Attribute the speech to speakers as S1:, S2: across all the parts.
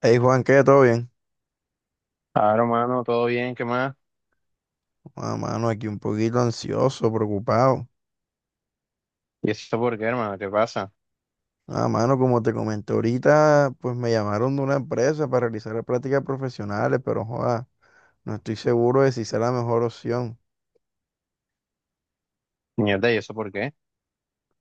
S1: Hey Juan, ¿qué? ¿Todo bien?
S2: Claro, hermano, todo bien, ¿qué más?
S1: Ah, mano, aquí un poquito ansioso, preocupado.
S2: ¿Y eso por qué, hermano? ¿Qué pasa?
S1: Ah, mano, como te comenté ahorita, pues me llamaron de una empresa para realizar prácticas profesionales, pero joda, no estoy seguro de si sea la mejor opción.
S2: Mierda, ¿y eso por qué?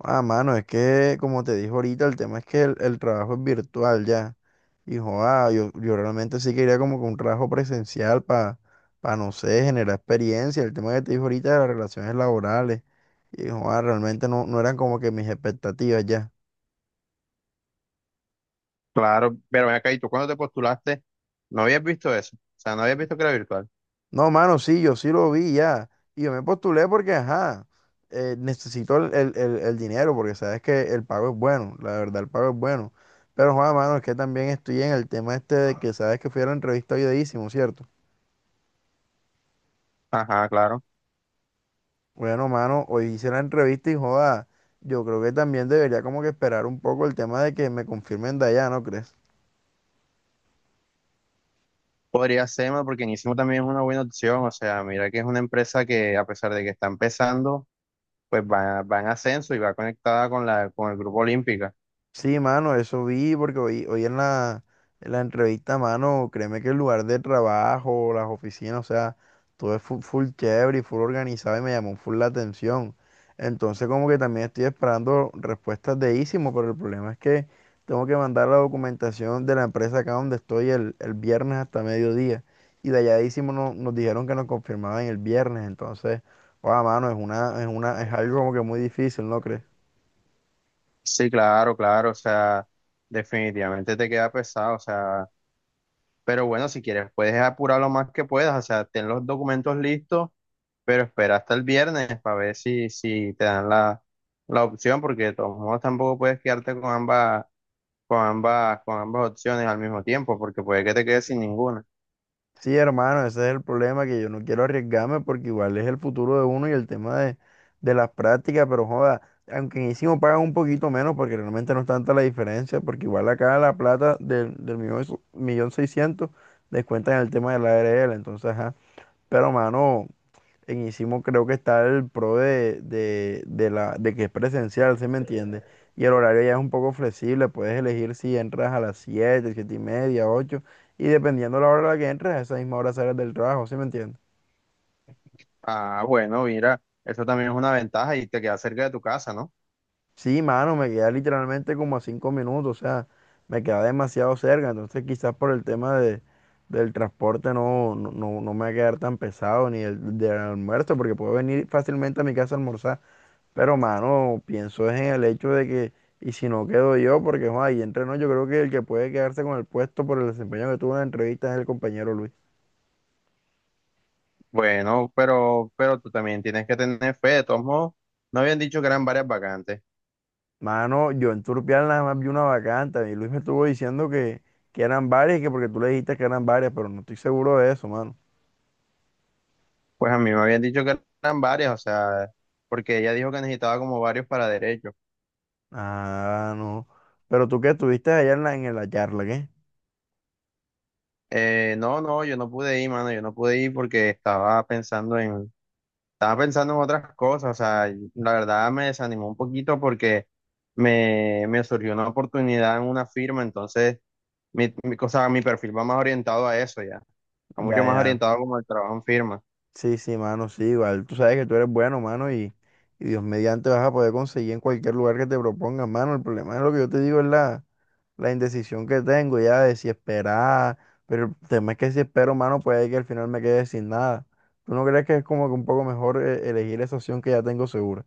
S1: Ah, mano, es que, como te dije ahorita, el tema es que el trabajo es virtual ya. Y joda, yo realmente sí quería como que un trabajo presencial para, no sé, generar experiencia. El tema que te dije ahorita de las relaciones laborales. Y joda, realmente no eran como que mis expectativas ya.
S2: Claro, pero ven acá, ¿y tú cuando te postulaste? No habías visto eso. O sea, no habías visto que era virtual.
S1: No, mano, sí, yo sí lo vi ya. Y yo me postulé porque, ajá, necesito el dinero porque sabes que el pago es bueno, la verdad, el pago es bueno. Pero, Juan, mano, es que también estoy en el tema este de que sabes que fui a la entrevista hoy de Ísimo, ¿cierto?
S2: Ajá, claro.
S1: Bueno, mano, hoy hice la entrevista y, joda, yo creo que también debería como que esperar un poco el tema de que me confirmen de allá, ¿no crees?
S2: Podría ser, mano, porque Nisimo también es una buena opción. O sea, mira que es una empresa que, a pesar de que está empezando, pues va en ascenso y va conectada con con el grupo Olímpica.
S1: Sí, mano, eso vi porque hoy en la entrevista, mano, créeme que el lugar de trabajo, las oficinas, o sea, todo es full, full chévere y full organizado y me llamó full la atención. Entonces como que también estoy esperando respuestas de Ísimo, pero el problema es que tengo que mandar la documentación de la empresa acá donde estoy el viernes hasta mediodía. Y de allá de Ísimo nos dijeron que nos confirmaban el viernes, entonces, wow, mano, es algo como que muy difícil, ¿no crees?
S2: Sí, claro, claro. O sea, definitivamente te queda pesado. O sea, pero bueno, si quieres, puedes apurar lo más que puedas, o sea, ten los documentos listos, pero espera hasta el viernes para ver si te dan la opción, porque de todos modos tampoco puedes quedarte con ambas, con ambas, con ambas opciones al mismo tiempo, porque puede que te quedes sin ninguna.
S1: Sí, hermano, ese es el problema, que yo no quiero arriesgarme porque igual es el futuro de uno y el tema de las prácticas, pero joda, aunque en ISIMO pagan un poquito menos porque realmente no es tanta la diferencia, porque igual acá la plata del millón seiscientos descuentan el tema de la ARL, entonces, ajá, pero mano, en Isimo creo que está el pro de que es presencial, ¿se me entiende? Y el horario ya es un poco flexible, puedes elegir si entras a las siete, 7 y media, 8 y dependiendo la hora a la que entres, a esa misma hora sales del trabajo, ¿se me entiende?
S2: Ah, bueno, mira, eso también es una ventaja y te queda cerca de tu casa, ¿no?
S1: Sí, mano, me queda literalmente como a 5 minutos, o sea, me queda demasiado cerca, entonces quizás por el tema del transporte no, no, no, no me va a quedar tan pesado, ni el del almuerzo, porque puedo venir fácilmente a mi casa a almorzar. Pero, mano, pienso es en el hecho de que, y si no quedo yo, porque, Juan, ahí entre nos, yo creo que el que puede quedarse con el puesto por el desempeño que tuvo en la entrevista es el compañero Luis.
S2: Bueno, pero tú también tienes que tener fe. De todos modos, no habían dicho que eran varias vacantes.
S1: Mano, yo en Turpial nada más vi una vacante, y Luis me estuvo diciendo que eran varias, que porque tú le dijiste que eran varias, pero no estoy seguro de eso, mano.
S2: Pues a mí me habían dicho que eran varias, o sea, porque ella dijo que necesitaba como varios para derecho.
S1: Ah, no. Pero tú que estuviste allá en la charla, ¿qué?
S2: No, yo no pude ir, mano, yo no pude ir porque estaba estaba pensando en otras cosas, o sea, y la verdad me desanimó un poquito porque me surgió una oportunidad en una firma, entonces, o sea, mi perfil va más orientado a eso ya, va mucho
S1: Ya,
S2: más
S1: ya.
S2: orientado como al trabajo en firma.
S1: Sí, sí, mano, sí, igual. Tú sabes que tú eres bueno, mano, y Dios mediante vas a poder conseguir en cualquier lugar que te propongan, mano. El problema es lo que yo te digo, es la indecisión que tengo ya de si esperar, pero el tema es que si espero, mano, puede que al final me quede sin nada. ¿Tú no crees que es como que un poco mejor elegir esa opción que ya tengo segura?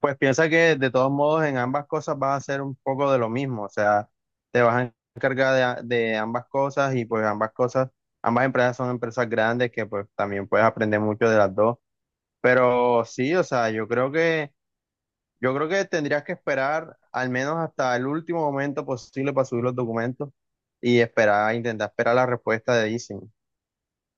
S2: Pues piensa que de todos modos en ambas cosas vas a hacer un poco de lo mismo, o sea, te vas a encargar de, a- de ambas cosas y pues ambas cosas, ambas empresas son empresas grandes que pues también puedes aprender mucho de las dos, pero sí, o sea, yo creo que tendrías que esperar al menos hasta el último momento posible para subir los documentos y esperar, intentar esperar la respuesta de Easy.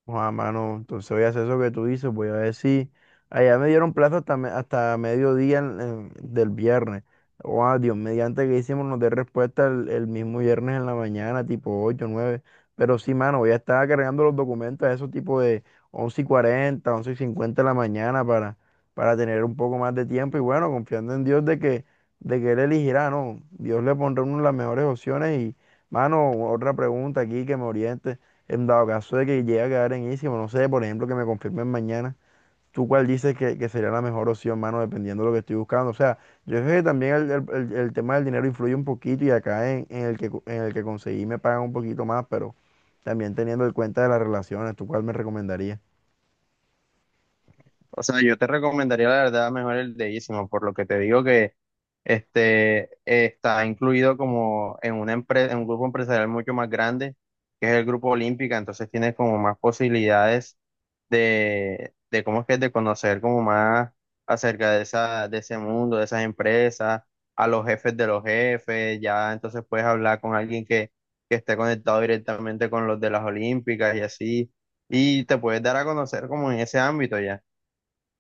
S1: Joder, mano, entonces voy a hacer eso que tú dices, voy a ver si allá me dieron plazo hasta, hasta mediodía del viernes. Joder, Dios, mediante que hicimos nos dé respuesta el mismo viernes en la mañana, tipo 8 nueve. Pero sí, mano, voy a estar cargando los documentos a esos tipo de once y 40, 11:50 de la mañana para tener un poco más de tiempo y bueno, confiando en Dios de que Él elegirá, ¿no? Dios le pondrá a uno las mejores opciones y, mano, otra pregunta aquí que me oriente. En dado caso de que llegue a quedar en Easy, o no sé, por ejemplo, que me confirmen mañana, ¿tú cuál dices que sería la mejor opción, mano, dependiendo de lo que estoy buscando? O sea, yo sé que también el tema del dinero influye un poquito y acá en el que, en el que conseguí me pagan un poquito más, pero también teniendo en cuenta de las relaciones, ¿tú cuál me recomendarías?
S2: O sea, yo te recomendaría la verdad mejor el de Ísimo, por lo que te digo que este está incluido como en una empresa, en un grupo empresarial mucho más grande, que es el Grupo Olímpica, entonces tienes como más posibilidades de cómo es que es de conocer como más acerca de esa, de ese mundo, de esas empresas, a los jefes de los jefes, ya entonces puedes hablar con alguien que esté conectado directamente con los de las Olímpicas y así, y te puedes dar a conocer como en ese ámbito ya.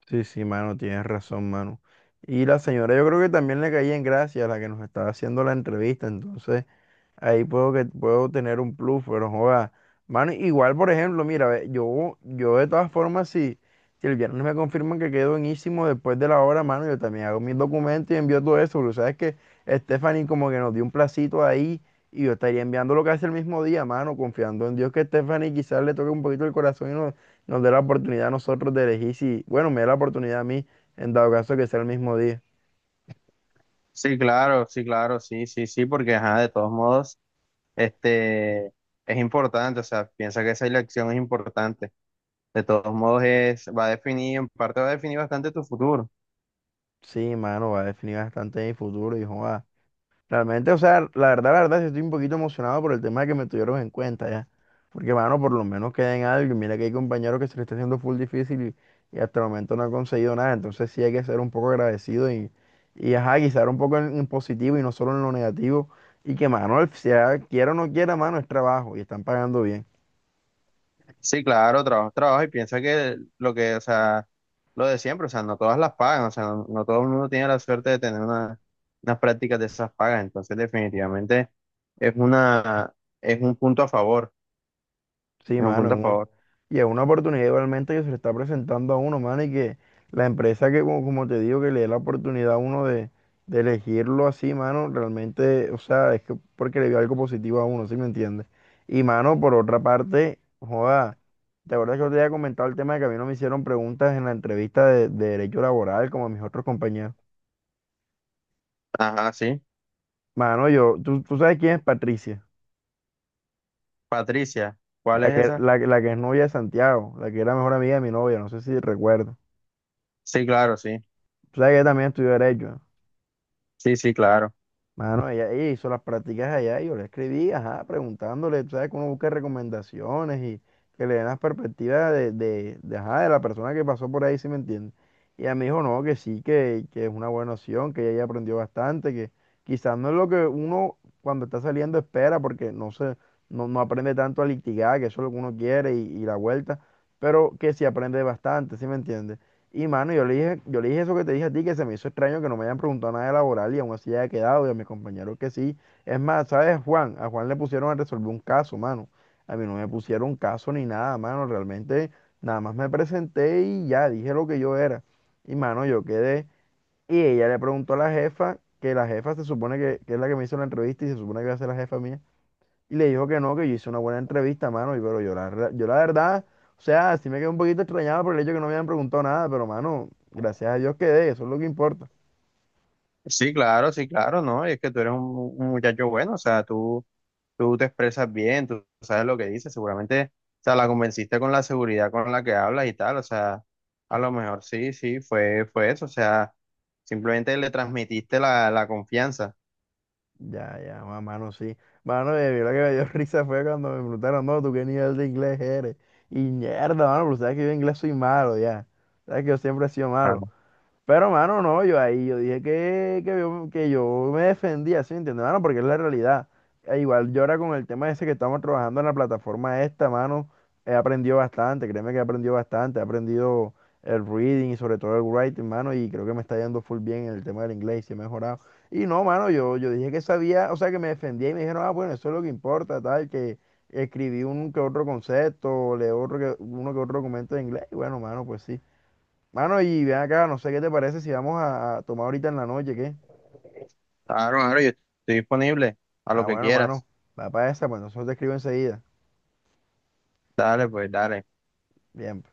S1: Sí, sí, mano, tienes razón, mano. Y la señora, yo creo que también le caí en gracia, la que nos estaba haciendo la entrevista, entonces. Ahí puedo que puedo tener un plus, pero joda. Mano, igual, por ejemplo, mira, ve, yo de todas formas, si el viernes me confirman que quedo en Ísimo después de la hora, mano, yo también hago mis documentos y envío todo eso, porque sabes que Stephanie como que nos dio un placito ahí y yo estaría enviando lo que hace el mismo día, mano, confiando en Dios que Stephanie quizás le toque un poquito el corazón y nos dé la oportunidad a nosotros de elegir si, bueno, me da la oportunidad a mí, en dado caso que sea el mismo día.
S2: Sí, claro, sí, claro, sí, sí, sí, porque ajá, de todos modos, este es importante, o sea, piensa que esa elección es importante. De todos modos es, va a definir, en parte va a definir bastante tu futuro.
S1: Sí, mano, va a definir bastante mi futuro, hijo. Realmente, o sea, la verdad, sí estoy un poquito emocionado por el tema de que me tuvieron en cuenta ya. Porque, mano, por lo menos queda en algo. Y mira que hay compañeros que se le está haciendo full difícil y hasta el momento no han conseguido nada. Entonces sí hay que ser un poco agradecido y ajá, quizá un poco en positivo y no solo en lo negativo. Y que, mano, sea quiera o no quiera, mano, es trabajo y están pagando bien.
S2: Sí, claro, trabajo, trabajo, y piensa que lo que, o sea, lo de siempre, o sea, no todas las pagan, o sea, no, no todo el mundo tiene la suerte de tener una, unas prácticas de esas pagas. Entonces, definitivamente es una, es un punto a favor,
S1: Sí,
S2: es un
S1: mano,
S2: punto a favor.
S1: y es una oportunidad igualmente que se le está presentando a uno, mano, y que la empresa que, como te digo, que le dé la oportunidad a uno de elegirlo así, mano, realmente, o sea, es que porque le vio algo positivo a uno, ¿sí me entiendes? Y, mano, por otra parte, joda, ¿te acuerdas que yo te había comentado el tema de que a mí no me hicieron preguntas en la entrevista de derecho laboral como a mis otros compañeros?
S2: Ajá, sí.
S1: Mano, tú sabes quién es Patricia,
S2: Patricia, ¿cuál es esa?
S1: la que es novia de Santiago, la que era mejor amiga de mi novia, no sé si recuerdo.
S2: Sí, claro, sí.
S1: Tú sabes que ella también estudió derecho, ¿no?
S2: Sí, sí, claro.
S1: Mano, ella hizo las prácticas allá y yo le escribí, ajá, preguntándole, tú sabes que uno busca recomendaciones y que le den las perspectivas de, ajá, de la persona que pasó por ahí, si me entiende. Y ella me dijo, no, que sí, que es una buena opción, que ella ya aprendió bastante, que quizás no es lo que uno cuando está saliendo espera, porque no se, no, no aprende tanto a litigar, que eso es lo que uno quiere y la vuelta, pero que sí aprende bastante, si me entiende. Y mano, yo le dije eso que te dije a ti, que se me hizo extraño que no me hayan preguntado nada de laboral y aún así haya quedado y a mis compañeros que sí. Es más, ¿sabes, Juan? A Juan le pusieron a resolver un caso, mano. A mí no me pusieron caso ni nada, mano. Realmente nada más me presenté y ya dije lo que yo era. Y mano, yo quedé. Y ella le preguntó a la jefa, que la jefa se supone que es la que me hizo la entrevista y se supone que va a ser la jefa mía. Y le dijo que no, que yo hice una buena entrevista, mano, y pero yo yo la verdad, o sea, sí me quedé un poquito extrañado por el hecho que no me habían preguntado nada, pero mano, gracias a Dios quedé, eso es lo que importa.
S2: Sí, claro, sí, claro, ¿no? Y es que tú eres un muchacho bueno, o sea, tú te expresas bien, tú sabes lo que dices, seguramente, o sea, la convenciste con la seguridad con la que hablas y tal, o sea, a lo mejor sí, sí, fue, fue eso, o sea, simplemente le transmitiste la confianza.
S1: Ya, ya, mano, sí. Mano, y lo que me dio risa fue cuando me preguntaron, no, ¿tú qué nivel de inglés eres? Y mierda, mano, pero sabes que yo en inglés soy malo, ya. Sabes que yo siempre he sido malo. Pero, mano, no, yo ahí, yo dije que yo me defendía, ¿sí? ¿Entiendes? Mano, porque es la realidad. E igual yo ahora con el tema ese que estamos trabajando en la plataforma esta, mano, he aprendido bastante, créeme que he aprendido bastante, he aprendido el reading y sobre todo el writing, mano, y creo que me está yendo full bien en el tema del inglés, sí he mejorado. Y no, mano, yo dije que sabía, o sea, que me defendía y me dijeron, ah, bueno, eso es lo que importa, tal, que escribí un que otro concepto, leo otro que, uno que otro documento de inglés, y bueno, mano, pues sí. Mano, y ven acá, no sé qué te parece si vamos a tomar ahorita en la noche, ¿qué?
S2: Claro, claro, yo estoy disponible a lo
S1: Ah,
S2: que
S1: bueno,
S2: quieras.
S1: mano, va para esa, pues nosotros te escribo enseguida.
S2: Dale, pues, dale.
S1: Bien.